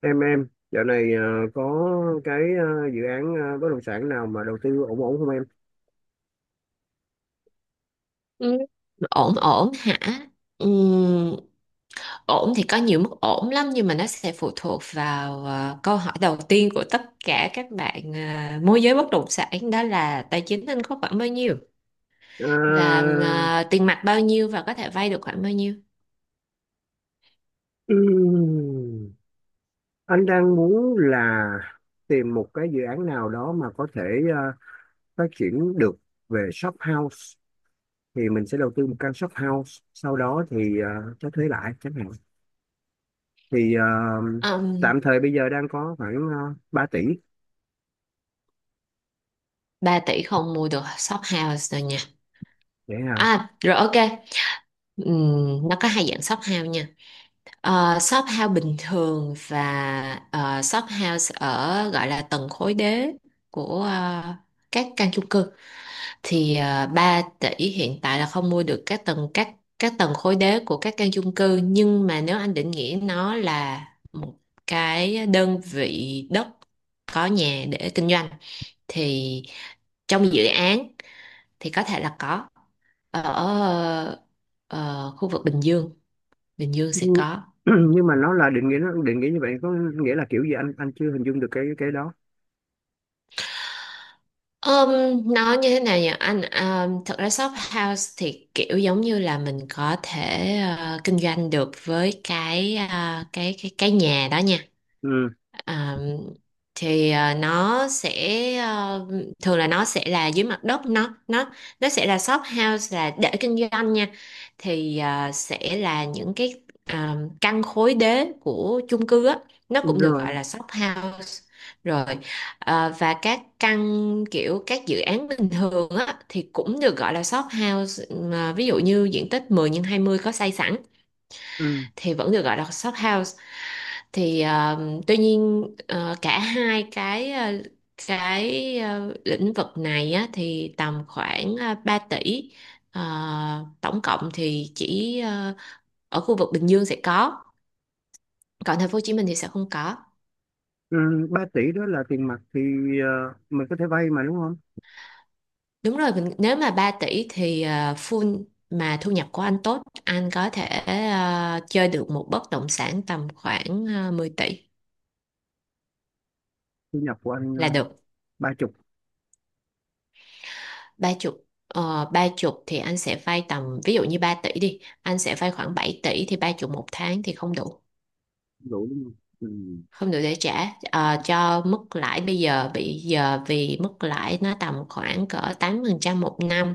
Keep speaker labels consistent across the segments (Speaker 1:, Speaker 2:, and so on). Speaker 1: Em dạo này có cái dự án bất động sản nào mà đầu tư ổn ổn không em?
Speaker 2: Ừ. Ổn ổn hả? Ừm, Ổn thì có nhiều mức ổn lắm, nhưng mà nó sẽ phụ thuộc vào câu hỏi đầu tiên của tất cả các bạn môi giới bất động sản, đó là tài chính anh có khoảng bao nhiêu,
Speaker 1: Ờ,
Speaker 2: và tiền mặt bao nhiêu và có thể vay được khoảng bao nhiêu.
Speaker 1: ừm, anh đang muốn là tìm một cái dự án nào đó mà có thể ờ, phát triển được về shop house, thì mình sẽ đầu tư một căn shop house, sau đó thì cho thuê lại chẳng hạn. Thì
Speaker 2: um,
Speaker 1: tạm thời bây giờ đang có khoảng 3 tỷ.
Speaker 2: 3 tỷ không mua được shop house rồi nha.
Speaker 1: Vậy à?
Speaker 2: À rồi, ok. Nó có hai dạng shop house nha. Shop house bình thường và shop house ở gọi là tầng khối đế của các căn chung cư. Thì 3 tỷ hiện tại là không mua được các tầng, các tầng khối đế của các căn chung cư. Nhưng mà nếu anh định nghĩa nó là một cái đơn vị đất có nhà để kinh doanh thì trong dự án thì có thể là có, ở khu vực Bình Dương. Bình Dương sẽ
Speaker 1: nhưng
Speaker 2: có.
Speaker 1: nhưng mà nó là định nghĩa, nó định nghĩa như vậy có nghĩa là kiểu gì? Anh chưa hình dung được cái đó.
Speaker 2: Nó như thế nào nhỉ anh? Thật ra shop house thì kiểu giống như là mình có thể kinh doanh được với cái cái nhà đó nha.
Speaker 1: Ừ.
Speaker 2: À, thì nó sẽ, à, thường là nó sẽ là dưới mặt đất, nó nó sẽ là shop house là để kinh doanh nha. Thì sẽ là những cái, căn khối đế của chung cư á, nó
Speaker 1: Đúng
Speaker 2: cũng được gọi
Speaker 1: rồi.
Speaker 2: là shop house. Rồi, và các căn kiểu các dự án bình thường á thì cũng được gọi là shop house. Mà ví dụ như diện tích 10 nhân 20 có xây sẵn
Speaker 1: Ừ.
Speaker 2: thì vẫn được gọi là shop house. Thì tuy nhiên cả hai cái lĩnh vực này á, thì tầm khoảng 3 tỷ. Ờ, Tổng cộng thì chỉ ở khu vực Bình Dương sẽ có, còn thành phố Hồ Chí Minh thì sẽ không có.
Speaker 1: Ừ. 3 tỷ đó là tiền mặt thì mình có thể vay mà, đúng không?
Speaker 2: Đúng rồi, mình nếu mà 3 tỷ thì full, mà thu nhập của anh tốt anh có thể chơi được một bất động sản tầm khoảng 10 tỷ
Speaker 1: Thu nhập của anh
Speaker 2: là được.
Speaker 1: ba chục.
Speaker 2: Ba chục, ba chục thì anh sẽ vay tầm, ví dụ như 3 tỷ đi, anh sẽ vay khoảng 7 tỷ, thì ba chục một tháng thì không đủ,
Speaker 1: Đủ đúng không? Ừ.
Speaker 2: không đủ để trả cho mức lãi bây giờ. Bây giờ vì mức lãi nó tầm khoảng cỡ 8% một năm,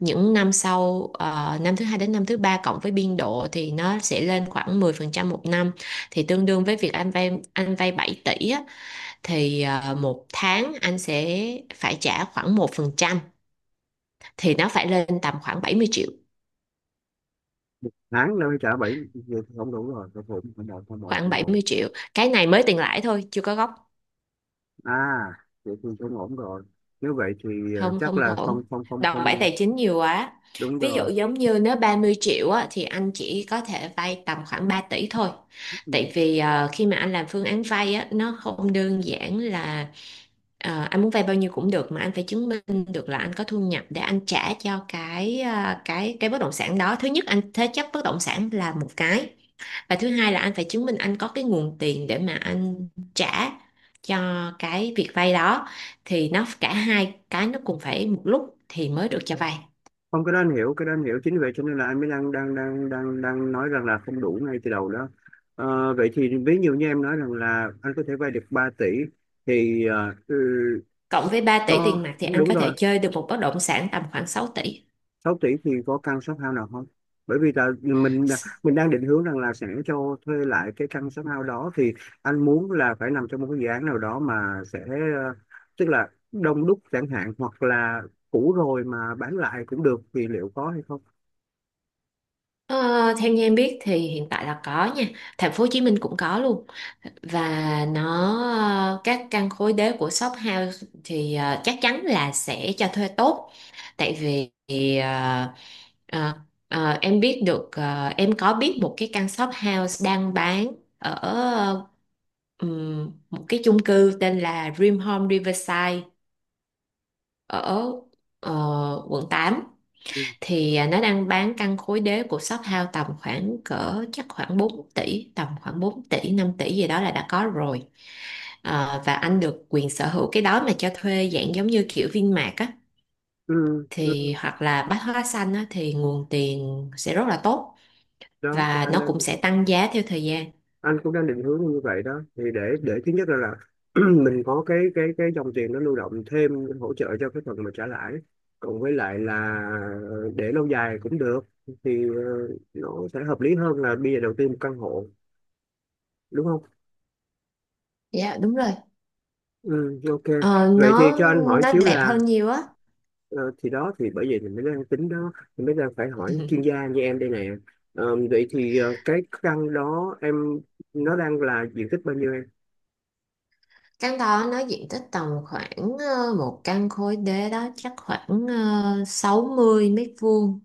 Speaker 2: những năm sau năm thứ hai đến năm thứ ba cộng với biên độ thì nó sẽ lên khoảng 10% một năm. Thì tương đương với việc anh vay 7 tỷ á, thì một tháng anh sẽ phải trả khoảng 1%, thì nó phải lên tầm khoảng 70 triệu,
Speaker 1: Tháng đâu trả bảy, vậy thì không đủ rồi, không ổn, không ổn, không ổn,
Speaker 2: khoảng
Speaker 1: không
Speaker 2: bảy
Speaker 1: ổn.
Speaker 2: mươi triệu. Cái này mới tiền lãi thôi, chưa có gốc.
Speaker 1: À, vậy thì không ổn rồi. Nếu vậy thì
Speaker 2: Không,
Speaker 1: chắc
Speaker 2: không
Speaker 1: là
Speaker 2: ổn,
Speaker 1: không, không, không,
Speaker 2: đòn bẩy
Speaker 1: không.
Speaker 2: tài chính nhiều quá.
Speaker 1: Đúng
Speaker 2: Ví
Speaker 1: rồi.
Speaker 2: dụ giống như nếu 30 triệu á, thì anh chỉ có thể vay tầm khoảng 3 tỷ thôi.
Speaker 1: Ừ.
Speaker 2: Tại vì khi mà anh làm phương án vay á, nó không đơn giản là anh muốn vay bao nhiêu cũng được, mà anh phải chứng minh được là anh có thu nhập để anh trả cho cái bất động sản đó. Thứ nhất anh thế chấp bất động sản là một cái, và thứ hai là anh phải chứng minh anh có cái nguồn tiền để mà anh trả cho cái việc vay đó. Thì nó cả hai cái nó cùng phải một lúc thì mới được cho vay.
Speaker 1: Không, cái đó anh hiểu, cái đó anh hiểu, chính vì vậy cho nên là anh mới đang, đang, đang, đang, đang nói rằng là không đủ ngay từ đầu đó. Ờ, vậy thì ví dụ như em nói rằng là anh có thể vay được 3 tỷ, thì
Speaker 2: Cộng với 3 tỷ
Speaker 1: có,
Speaker 2: tiền mặt thì anh
Speaker 1: đúng
Speaker 2: có
Speaker 1: rồi.
Speaker 2: thể chơi được một bất động sản tầm khoảng 6 tỷ.
Speaker 1: 6 tỷ thì có căn shop house nào không? Bởi vì là mình đang định hướng rằng là sẽ cho thuê lại cái căn shop house đó, thì anh muốn là phải nằm trong một cái dự án nào đó mà sẽ ờ, tức là đông đúc chẳng hạn, hoặc là cũ rồi mà bán lại cũng được, thì liệu có hay không?
Speaker 2: Ờ, Theo như em biết thì hiện tại là có nha, thành phố Hồ Chí Minh cũng có luôn. Và nó, các căn khối đế của shop house thì chắc chắn là sẽ cho thuê tốt. Tại vì ờ, ờ, em biết được, em có biết một cái căn shop house đang bán ở một cái chung cư tên là Dream Home Riverside, ở quận 8.
Speaker 1: Ừ.
Speaker 2: Thì nó đang bán căn khối đế của shop house tầm khoảng cỡ chắc khoảng 4 tỷ, tầm khoảng 4 tỷ 5 tỷ gì đó là đã có rồi. Ờ, và anh được quyền sở hữu cái đó mà cho thuê dạng giống như kiểu Vinmart á,
Speaker 1: Ừ. Ừ.
Speaker 2: thì hoặc là Bách Hóa Xanh á thì nguồn tiền sẽ rất là tốt.
Speaker 1: Đó thì
Speaker 2: Và
Speaker 1: anh
Speaker 2: nó cũng sẽ tăng giá theo thời gian.
Speaker 1: anh cũng đang định hướng như vậy đó, thì để thứ nhất là mình có cái cái dòng tiền nó lưu động thêm, hỗ trợ cho cái phần mà trả lãi, cộng với lại là để lâu dài cũng được. Thì nó sẽ hợp lý hơn là bây giờ đầu tư một căn hộ, đúng không?
Speaker 2: Dạ đúng rồi.
Speaker 1: Ừ, ok.
Speaker 2: Ờ,
Speaker 1: Vậy thì
Speaker 2: nó
Speaker 1: cho anh hỏi
Speaker 2: nó
Speaker 1: xíu
Speaker 2: đẹp hơn
Speaker 1: là
Speaker 2: nhiều á.
Speaker 1: ờ, thì đó, thì bởi vì mình mới đang tính đó, mình mới đang phải hỏi chuyên gia như em đây nè. Ờ, vậy thì cái căn đó em, nó đang là diện tích bao nhiêu em?
Speaker 2: Căn đó nó diện tích tầm khoảng một căn khối đế đó chắc khoảng 60 m².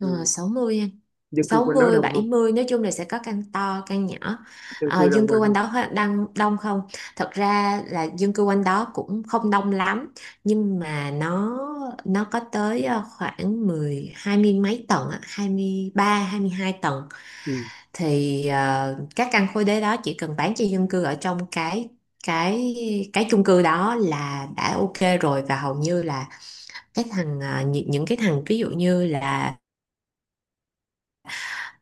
Speaker 2: Ờ,
Speaker 1: Ừ.
Speaker 2: 60 em.
Speaker 1: Dân cư
Speaker 2: Sáu
Speaker 1: quanh đó
Speaker 2: mươi,
Speaker 1: đông
Speaker 2: bảy
Speaker 1: không?
Speaker 2: mươi, nói chung là sẽ có căn to căn nhỏ.
Speaker 1: Dân
Speaker 2: Ờ,
Speaker 1: cư đông
Speaker 2: dân cư
Speaker 1: quanh
Speaker 2: quanh
Speaker 1: không?
Speaker 2: đó đang đông không? Thật ra là dân cư quanh đó cũng không đông lắm, nhưng mà nó có tới khoảng mười, hai mươi mấy tầng á, 23, 22 tầng.
Speaker 1: Ừ.
Speaker 2: Thì các căn khối đế đó chỉ cần bán cho dân cư ở trong cái cái chung cư đó là đã ok rồi, và hầu như là cái thằng, những cái thằng ví dụ như là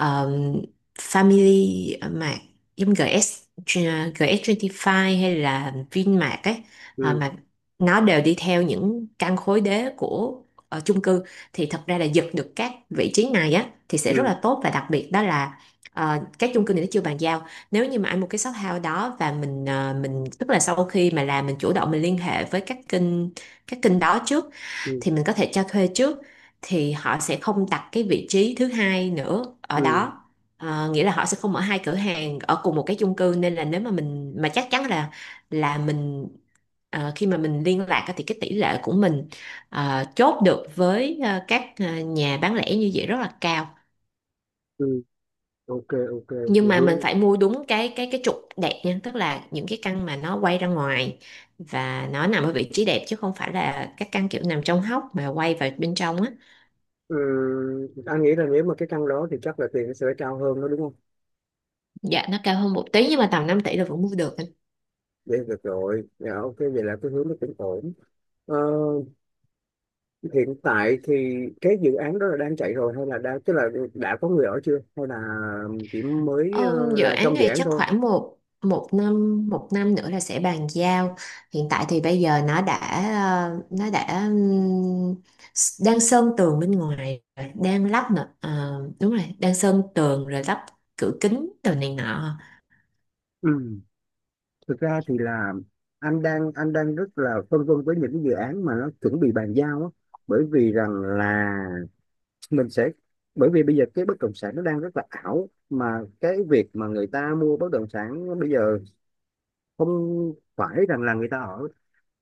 Speaker 2: um, Family Mart, giống GS GS25, hay là Vinmart ấy.
Speaker 1: Ừ.
Speaker 2: Mà nó đều đi theo những căn khối đế của chung cư. Thì thật ra là giật được các vị trí này á thì sẽ rất
Speaker 1: Ừ.
Speaker 2: là tốt. Và đặc biệt đó là các chung cư này nó chưa bàn giao. Nếu như mà anh một cái shop house đó, và mình mình tức là sau khi mà làm, mình chủ động, mình liên hệ với các kênh đó trước,
Speaker 1: Ừ.
Speaker 2: thì mình có thể cho thuê trước, thì họ sẽ không đặt cái vị trí thứ hai nữa ở
Speaker 1: Ừ.
Speaker 2: đó. Ờ, nghĩa là họ sẽ không mở hai cửa hàng ở cùng một cái chung cư, nên là nếu mà mình mà chắc chắn là mình khi mà mình liên lạc á thì cái tỷ lệ của mình chốt được với các nhà bán lẻ như vậy rất là cao.
Speaker 1: Ừ. Ok. Ok. Thì
Speaker 2: Nhưng mà mình
Speaker 1: hướng.
Speaker 2: phải mua đúng cái trục đẹp nha, tức là những cái căn mà nó quay ra ngoài và nó nằm ở vị trí đẹp, chứ không phải là các căn kiểu nằm trong hốc mà quay vào bên trong á.
Speaker 1: Ừ, anh nghĩ là nếu mà cái căn đó thì chắc là tiền nó sẽ cao hơn đó, đúng không?
Speaker 2: Dạ nó cao hơn một tí nhưng mà tầm 5 tỷ là vẫn mua được.
Speaker 1: Vậy được rồi, dạ ok, vậy là cái hướng nó cũng ổn. Ờ, hiện tại thì cái dự án đó là đang chạy rồi, hay là đang, tức là đã có người ở chưa, hay là chỉ mới
Speaker 2: Dự
Speaker 1: là
Speaker 2: án
Speaker 1: trong dự
Speaker 2: này
Speaker 1: án
Speaker 2: chắc
Speaker 1: thôi?
Speaker 2: khoảng một một năm nữa là sẽ bàn giao. Hiện tại thì bây giờ nó đã, ờ, nó đã ừm, đang sơn tường bên ngoài, rồi, đang lắp nữa. Ờ, đúng rồi, đang sơn tường rồi lắp cửa kính đồ này nọ.
Speaker 1: Ừ. Thực ra thì là anh đang rất là phân vân với những cái dự án mà nó chuẩn bị bàn giao á, bởi vì rằng là mình sẽ, bởi vì bây giờ cái bất động sản nó đang rất là ảo, mà cái việc mà người ta mua bất động sản bây giờ không phải rằng là người ta ở.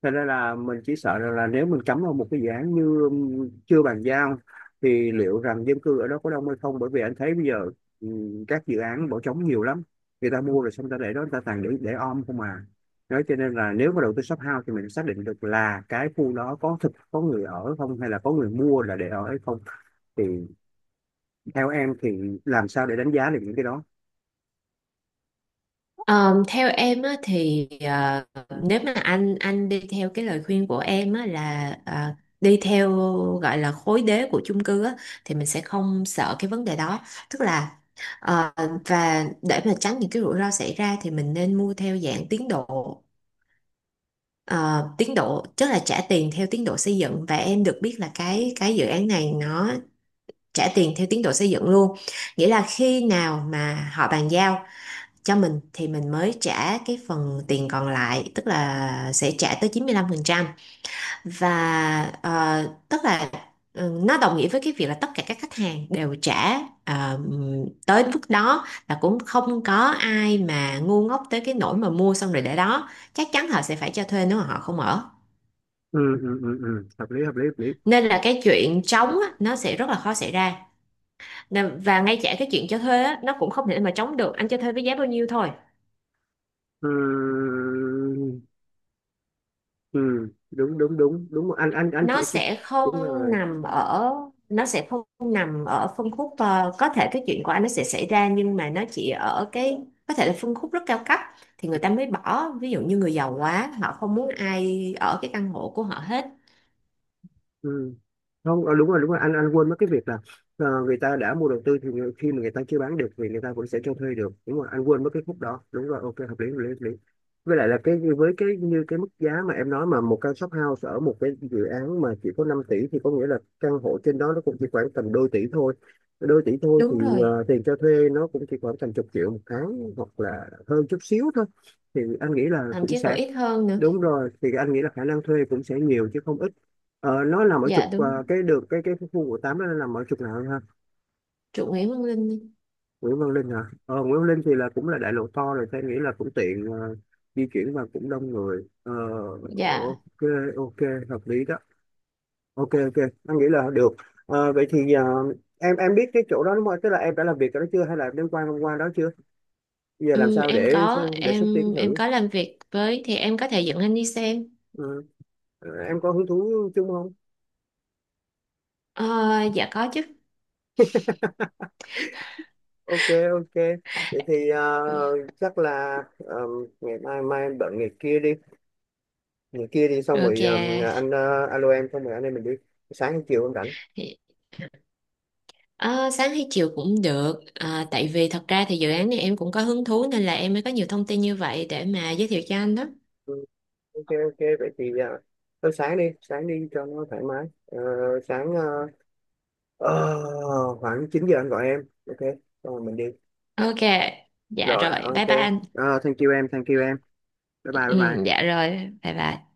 Speaker 1: Thật ra là mình chỉ sợ rằng là nếu mình cắm vào một cái dự án như chưa bàn giao, thì liệu rằng dân cư ở đó có đông hay không, bởi vì anh thấy bây giờ các dự án bỏ trống nhiều lắm. Người ta mua rồi xong người ta để đó, người ta toàn để om không à. Nói cho nên là nếu mà đầu tư shop house thì mình xác định được là cái khu đó có thực có người ở không, hay là có người mua là để ở hay không, thì theo em thì làm sao để đánh giá được những cái đó?
Speaker 2: Ờ, Theo em á, thì nếu mà anh đi theo cái lời khuyên của em á, là đi theo gọi là khối đế của chung cư á, thì mình sẽ không sợ cái vấn đề đó. Tức là ờ, và để mà tránh những cái rủi ro xảy ra thì mình nên mua theo dạng tiến độ. Ờ, tiến độ tức là trả tiền theo tiến độ xây dựng, và em được biết là cái dự án này nó trả tiền theo tiến độ xây dựng luôn. Nghĩa là khi nào mà họ bàn giao cho mình thì mình mới trả cái phần tiền còn lại, tức là sẽ trả tới 95%. Và tức là, ừ, nó đồng nghĩa với cái việc là tất cả các khách hàng đều trả ờ, tới mức đó, là cũng không có ai mà ngu ngốc tới cái nỗi mà mua xong rồi để đó. Chắc chắn họ sẽ phải cho thuê nếu mà họ không ở.
Speaker 1: Ừ, ừ, ừ, ừ. Hợp lý, hợp lý, hợp lý.
Speaker 2: Nên là cái chuyện trống á, nó sẽ rất là khó xảy ra. Và ngay cả cái chuyện cho thuê á, nó cũng không thể mà trống được, anh cho thuê với giá bao nhiêu thôi.
Speaker 1: Ừ, ừ, ừ. Đúng, đúng, đúng, đúng. anh anh anh chị
Speaker 2: Nó
Speaker 1: chị
Speaker 2: sẽ không
Speaker 1: Đúng rồi.
Speaker 2: nằm ở, nó sẽ không nằm ở phân khúc, có thể cái chuyện của anh nó sẽ xảy ra, nhưng mà nó chỉ ở cái có thể là phân khúc rất cao cấp thì
Speaker 1: Ừ.
Speaker 2: người ta mới bỏ. Ví dụ như người giàu quá họ không muốn ai ở cái căn hộ của họ hết.
Speaker 1: Ừ. Không, ờ, đúng rồi, đúng rồi. Anh quên mất cái việc là người ta đã mua đầu tư thì khi mà người ta chưa bán được thì người ta vẫn sẽ cho thuê được. Đúng rồi, anh quên mất cái khúc đó. Đúng rồi, ok, hợp lý, hợp lý, hợp lý. Với lại là cái, với cái như cái mức giá mà em nói mà một căn shop house ở một cái dự án mà chỉ có 5 tỷ, thì có nghĩa là căn hộ trên đó nó cũng chỉ khoảng tầm đôi tỷ thôi. Đôi tỷ thôi
Speaker 2: Đúng
Speaker 1: thì
Speaker 2: rồi,
Speaker 1: tiền cho thuê nó cũng chỉ khoảng tầm chục triệu một tháng hoặc là hơn chút xíu thôi. Thì anh nghĩ là
Speaker 2: thậm
Speaker 1: cũng
Speaker 2: chí còn
Speaker 1: sẽ,
Speaker 2: ít hơn nữa.
Speaker 1: đúng rồi, thì anh nghĩ là khả năng thuê cũng sẽ nhiều chứ không ít. Ờ, nó nằm ở
Speaker 2: Dạ
Speaker 1: trục
Speaker 2: đúng.
Speaker 1: cái đường cái khu của tám đó, nó nằm ở trục nào ha?
Speaker 2: Chủ Nguyễn Văn Linh.
Speaker 1: Nguyễn Văn Linh hả? Ờ, Nguyễn Văn Linh thì là cũng là đại lộ to rồi, tôi nghĩ là cũng tiện di chuyển và cũng đông người. Ờ,
Speaker 2: Dạ.
Speaker 1: ok, ok, hợp lý đó. Ok, ok, anh nghĩ là được. Ờ, vậy thì em biết cái chỗ đó đúng không, tức là em đã làm việc ở đó chưa hay là em đến qua, qua đó chưa? Giờ làm sao
Speaker 2: Em
Speaker 1: để
Speaker 2: có,
Speaker 1: để xúc tiến
Speaker 2: em
Speaker 1: thử?
Speaker 2: có làm việc với, thì em có thể dẫn anh đi xem.
Speaker 1: Ừ. Ờ, em có hứng thú chung không?
Speaker 2: Ờ, dạ có chứ.
Speaker 1: Ok, ok. Vậy thì chắc là ngày mai, mai em bận, ngày kia đi. Ngày kia đi, xong rồi
Speaker 2: Ok.
Speaker 1: anh alo em, xong rồi anh em mình đi. Sáng chiều em rảnh.
Speaker 2: Ờ, Sáng hay chiều cũng được à, tại vì thật ra thì dự án này em cũng có hứng thú, nên là em mới có nhiều thông tin như vậy để mà giới thiệu cho anh đó.
Speaker 1: Ừ, ok, ok. Vậy thì thôi sáng đi, sáng đi cho nó thoải mái. Ờ, sáng ờ, khoảng 9 giờ anh gọi em, ok, xong rồi mình đi.
Speaker 2: Ok, dạ
Speaker 1: Rồi,
Speaker 2: rồi,
Speaker 1: ok.
Speaker 2: bye bye anh.
Speaker 1: Ờ, thank you em, thank you em. Bye
Speaker 2: Ừ,
Speaker 1: bye, bye
Speaker 2: ừ,
Speaker 1: bye.
Speaker 2: dạ rồi, bye bye.